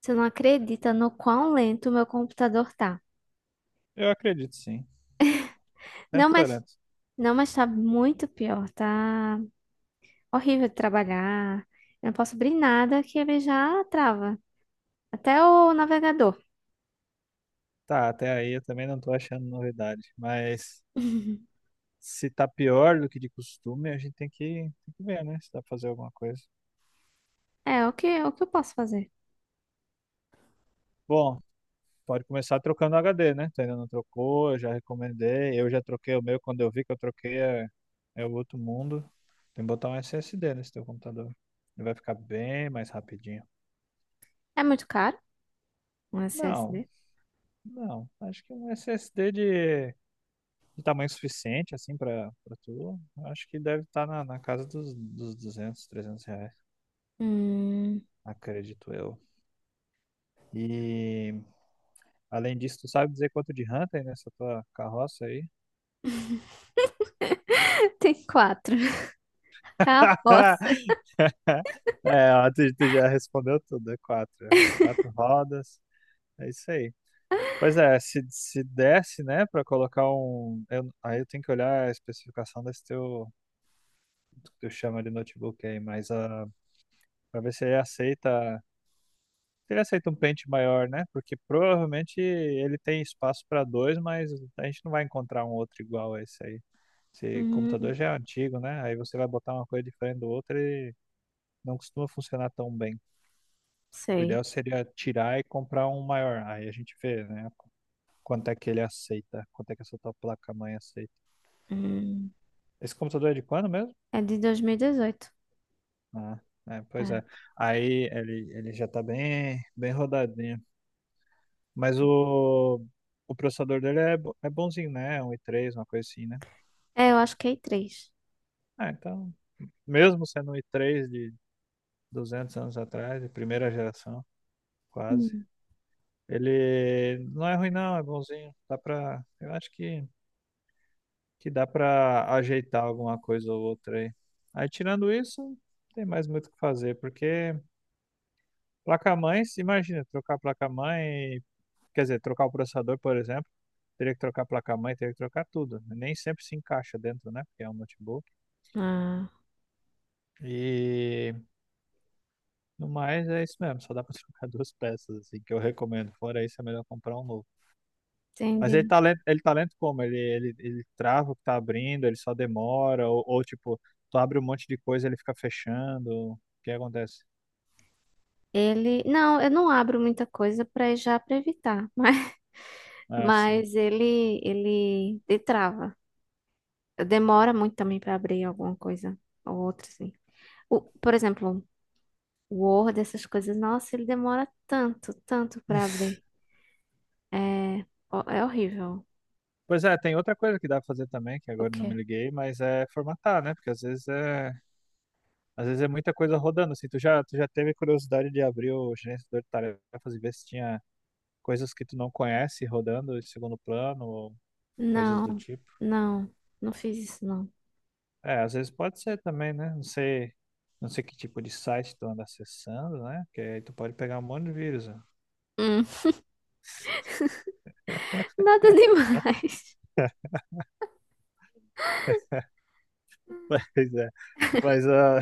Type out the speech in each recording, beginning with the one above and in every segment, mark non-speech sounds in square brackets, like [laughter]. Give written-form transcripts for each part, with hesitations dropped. Você não acredita no quão lento o meu computador tá. Eu acredito sim. Não, Sempre foi mas lento. não, mas tá muito pior. Tá horrível de trabalhar. Eu não posso abrir nada que ele já trava. Até o navegador. Tá, até aí eu também não tô achando novidade. Mas [laughs] se tá pior do que de costume, a gente tem que ver, né? Se dá pra fazer alguma coisa. É, o que eu posso fazer? Bom, pode começar trocando o HD, né? Tu ainda não trocou, eu já recomendei. Eu já troquei o meu quando eu vi que eu troquei é o outro mundo. Tem que botar um SSD nesse teu computador. Ele vai ficar bem mais rapidinho. É muito caro um Não, SSD? não. Acho que um SSD de tamanho suficiente, assim, pra tu, eu acho que deve estar na casa dos 200, R$ 300, Hum, acredito eu. E, além disso, tu sabe dizer quanto de ranta aí nessa tua carroça aí? [laughs] tem quatro. [laughs] Carroça. [laughs] É, ó, tu já respondeu tudo, é quatro. Quatro rodas, é isso aí. Pois é, se desse, né, pra colocar um. Aí eu tenho que olhar a especificação desse teu. Do que tu chama de notebook aí, mas pra ver se ele aceita. Ele aceita um pente maior, né? Porque provavelmente ele tem espaço para dois, mas a gente não vai encontrar um outro igual a esse aí. Esse computador Hum, já é antigo, né? Aí você vai botar uma coisa diferente do outro e não costuma funcionar tão bem. O sei. ideal seria tirar e comprar um maior. Aí a gente vê, né? Quanto é que ele aceita, quanto é que essa tua placa-mãe aceita. Hum, Esse computador é de quando mesmo? é de 2018. Ah, é, É, pois é. Aí ele já tá bem, bem rodadinho. Mas o processador dele é bonzinho, né? É um i3, uma coisa assim, né? é, eu acho que é i3. Ah, então, mesmo sendo um i3 de 200 anos atrás, de primeira geração, quase, Hum. ele não é ruim, não, é bonzinho. Dá pra, eu acho que dá pra ajeitar alguma coisa ou outra aí. Aí, tirando isso, não tem mais muito o que fazer, porque placa-mãe, se imagina, trocar placa-mãe. Quer dizer, trocar o processador, por exemplo, teria que trocar a placa-mãe, teria que trocar tudo. Nem sempre se encaixa dentro, né? Porque é um notebook. Ah, E no mais é isso mesmo, só dá pra [laughs] trocar duas peças, assim, que eu recomendo. Fora isso, é melhor comprar um novo. Mas entendi. Ele tá lento como? Ele trava o que tá abrindo, ele só demora, ou tipo, tu abre um monte de coisa e ele fica fechando. O que acontece? Não, eu não abro muita coisa para já para evitar, [laughs] Ah, sim. mas ele trava. Demora muito também para abrir alguma coisa ou outra, assim. Por exemplo, o Word, essas coisas, nossa, ele demora tanto, tanto para abrir. É, é horrível. Pois é, tem outra coisa que dá pra fazer também, que O agora eu não me quê? liguei, mas é formatar, né? Porque às vezes é muita coisa rodando, assim, tu já teve curiosidade de abrir o gerenciador de tarefas e ver se tinha coisas que tu não conhece rodando em segundo plano ou coisas do Não, tipo. não, não fiz isso, não. É, às vezes pode ser também, né? Não sei que tipo de site tu anda acessando, né? Porque aí tu pode pegar um monte de vírus, né? Hum, [laughs] nada demais. [laughs] Mas é. Mas ah,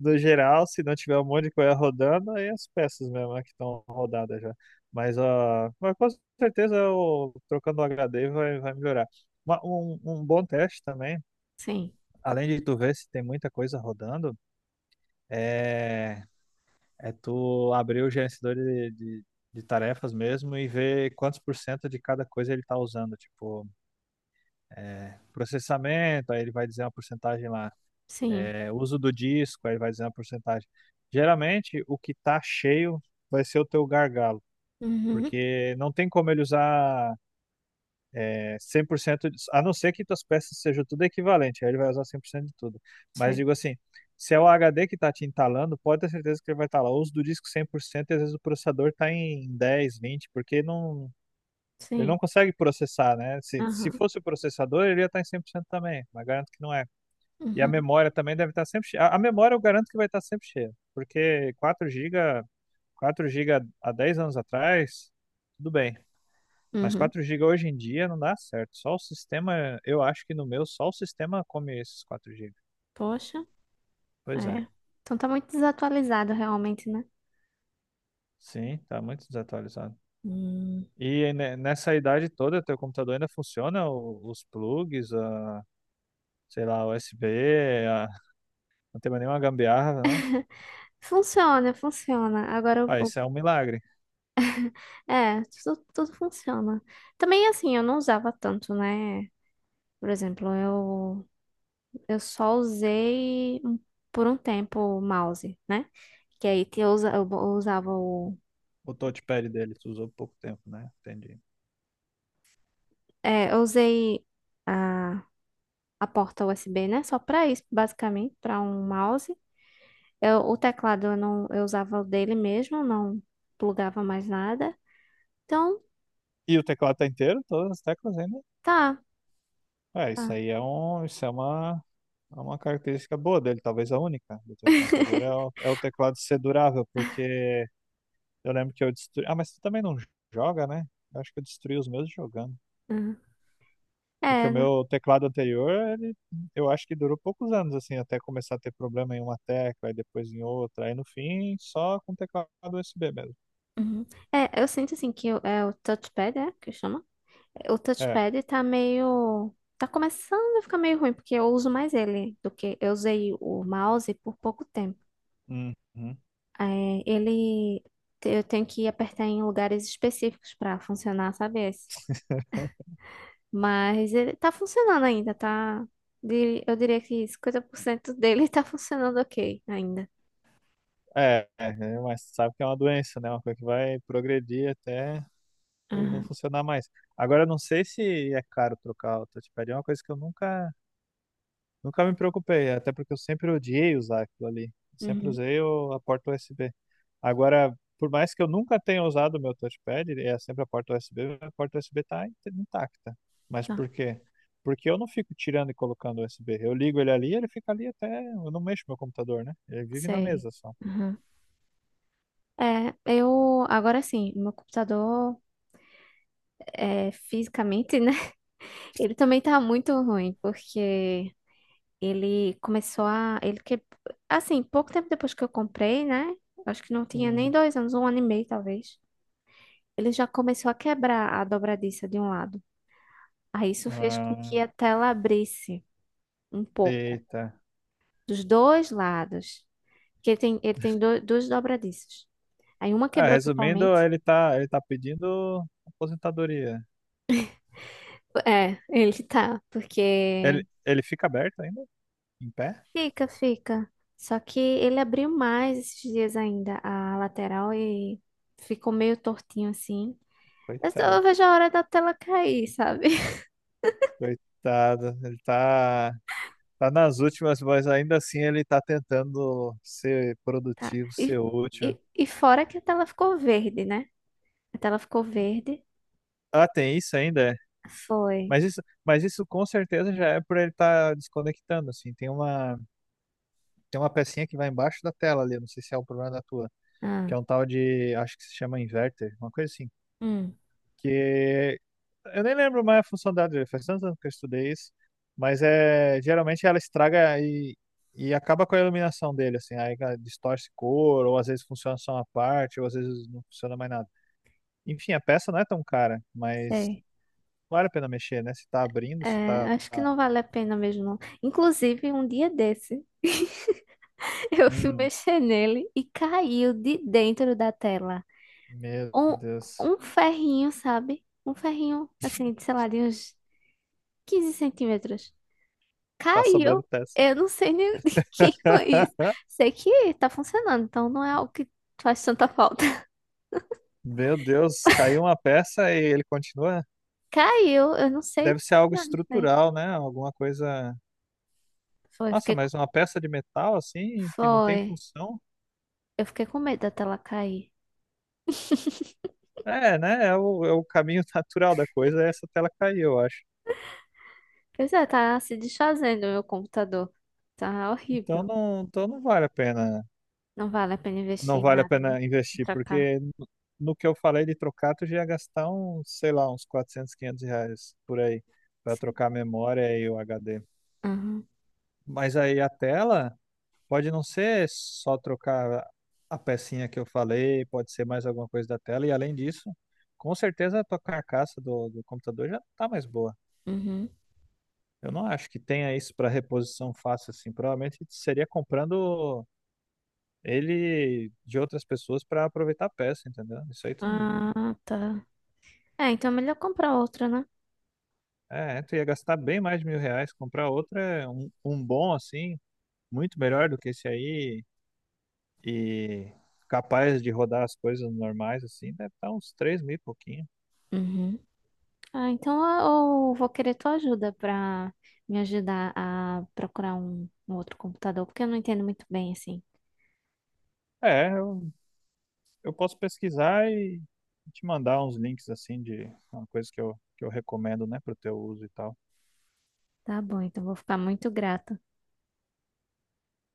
no geral, se não tiver um monte de coisa rodando, aí é as peças mesmo, né, que estão rodadas já. Mas, ah, mas com certeza o trocando o HD vai melhorar. Um bom teste também. Sim, Além de tu ver se tem muita coisa rodando, é, é tu abrir o gerenciador de tarefas mesmo e ver quantos por cento de cada coisa ele está usando. Tipo, processamento, aí ele vai dizer uma porcentagem lá. sim. É, uso do disco, aí ele vai dizer uma porcentagem. Geralmente, o que tá cheio vai ser o teu gargalo, Uhum, porque não tem como ele usar 100%, a não ser que tuas peças sejam tudo equivalente, aí ele vai usar 100% de tudo. Mas sei, digo assim, se é o HD que está te entalando, pode ter certeza que ele vai estar lá. Ou os do disco 100% e às vezes o processador está em 10 20 porque não, ele não sim. consegue processar, né? Se Aham, fosse o processador, ele ia estar em 100% também, mas garanto que não é. E a uhum, memória também deve estar sempre cheia. A memória eu garanto que vai estar sempre cheia, porque 4 gigas 4 gigas há 10 anos atrás, tudo bem. Mas uhum. 4 gigas hoje em dia não dá certo. Só o sistema, eu acho que no meu, só o sistema come esses 4 gigas. Poxa. Pois é. É. Então tá muito desatualizado realmente, né? Sim, tá muito desatualizado. Hum. E nessa idade toda, teu computador ainda funciona? Os plugs, a, sei lá, USB, a, não tem mais nenhuma gambiarra, não? Funciona, funciona. Agora, o, Ah, o- isso é um milagre. é, tudo, tudo funciona. Também, assim, eu não usava tanto, né? Por exemplo, eu só usei por um tempo o mouse, né? Que aí que eu usava o... O touchpad dele, tu usou pouco tempo, né? Entendi. É, eu usei a, a porta USB, né? Só pra isso, basicamente, pra um mouse. Eu, o teclado eu não, eu usava o dele mesmo, não plugava mais nada. Então E o teclado tá inteiro? Todas as teclas ainda? tá, É, isso tá. aí é um, isso é uma É uma característica boa dele, talvez a única do teu computador é o teclado ser durável, porque eu lembro que eu destruí. Ah, mas tu também não joga, né? Eu acho que eu destruí os meus jogando. Uhum. Porque É, o né? meu teclado anterior, ele, eu acho que durou poucos anos, assim, até começar a ter problema em uma tecla, e depois em outra, aí no fim, só com teclado USB mesmo. Uhum. É, eu sinto assim que é o touchpad, é que chama? O É. touchpad tá meio. Tá começando a ficar meio ruim, porque eu uso mais ele do que. Eu usei o mouse por pouco tempo. Uhum. É, ele. Eu tenho que apertar em lugares específicos pra funcionar, sabe? Esse? Mas ele tá funcionando ainda, tá? Eu diria que 50% dele [laughs] tá funcionando ok ainda. É, é, é, mas sabe que é uma doença, né? Uma coisa que vai progredir até ele não Aham. funcionar mais. Agora, eu não sei se é caro trocar o touchpad, é uma coisa que eu nunca me preocupei, até porque eu sempre odiei usar aquilo ali. Sempre Uhum. usei a porta USB. Agora, por mais que eu nunca tenha usado o meu touchpad, é sempre a porta USB, a porta USB está intacta. Mas Tá, por quê? Porque eu não fico tirando e colocando o USB. Eu ligo ele ali, ele fica ali até. Eu não mexo meu computador, né? Ele vive na sei. mesa só. É, eu agora sim, meu computador é, fisicamente, né? [laughs] Ele também tá muito ruim, porque ele começou a. Ele que, assim, pouco tempo depois que eu comprei, né? Acho que não tinha nem Hum. dois anos, um ano e meio talvez. Ele já começou a quebrar a dobradiça de um lado. Aí isso fez com que a Ah, tela abrisse um pouco, eita. dos dois lados. Porque ele tem duas dobradiças. Aí uma Ah, quebrou resumindo, totalmente. ele tá pedindo aposentadoria. É, [laughs] ele tá, porque Ele fica aberto ainda? Em pé? fica, fica. Só que ele abriu mais esses dias ainda a lateral e ficou meio tortinho assim. Mas eu só Coitado. vejo a hora da tela cair, sabe? [laughs] Coitado, ele tá nas últimas, mas ainda assim ele tá tentando ser produtivo, E, ser útil. e, e fora que a tela ficou verde, né? A tela ficou verde. Ah, tem isso ainda, é. Foi. Mas isso com certeza já é por ele estar desconectando, assim. Tem uma pecinha que vai embaixo da tela ali, eu não sei se é o problema da tua, que Ah, é um tal de, acho que se chama inverter, uma coisa assim. hum, Que Eu nem lembro mais a função da Adria, faz tantos anos que eu estudei isso, mas é, geralmente ela estraga e acaba com a iluminação dele, assim, aí ela distorce cor, ou às vezes funciona só uma parte, ou às vezes não funciona mais nada. Enfim, a peça não é tão cara, mas sei. vale a pena mexer, né? Se tá abrindo, se É, tá. acho que não vale a pena mesmo, não. Inclusive, um dia desse, [laughs] eu fui Hum, mexer nele e caiu de dentro da tela. meu Um, Deus, Um ferrinho, sabe? Um ferrinho, assim, de, sei lá, de uns 15 cm. tá sobrando Caiu. peça. Eu não sei nem [laughs] de quem foi isso. [laughs] Sei que tá funcionando, então não é algo que faz tanta falta. [laughs] Meu Deus, caiu uma peça e ele continua. Caiu. Eu não sei Deve ser algo de onde foi. estrutural, né? Alguma coisa. Foi, Nossa, fiquei, com- mas uma peça de metal assim, que não tem Foi. função. Eu fiquei com medo da tela cair. É, né? É o caminho [laughs] natural da coisa, é essa tela cair, eu acho. Pois é, tá se desfazendo o meu computador. Tá horrível. Então não vale a pena, Não vale a pena não investir em vale a nada, né? pena investir, Pra cá. porque no que eu falei de trocar, tu já ia gastar uns, sei lá, uns 400, 500 reais por aí, para Sim. trocar a memória e o HD. Aham. Mas aí a tela pode não ser só trocar a pecinha que eu falei, pode ser mais alguma coisa da tela, e além disso, com certeza a tua carcaça do computador já não tá mais boa. Uhum. Eu não acho que tenha isso para reposição fácil assim. Provavelmente seria comprando ele de outras pessoas para aproveitar a peça, entendeu? Isso aí tu, Ah, tá. É, então é melhor comprar outra, né? é, tu ia gastar bem mais de 1.000 reais. Comprar outro é um bom assim, muito melhor do que esse aí e capaz de rodar as coisas normais assim. Deve estar uns 3 mil e pouquinho. Uhum. Ah, então eu vou querer tua ajuda para me ajudar a procurar um outro computador, porque eu não entendo muito bem assim. É, eu posso pesquisar e te mandar uns links assim de uma coisa que eu recomendo, né, pro teu uso e tal. Tá bom, então vou ficar muito grata.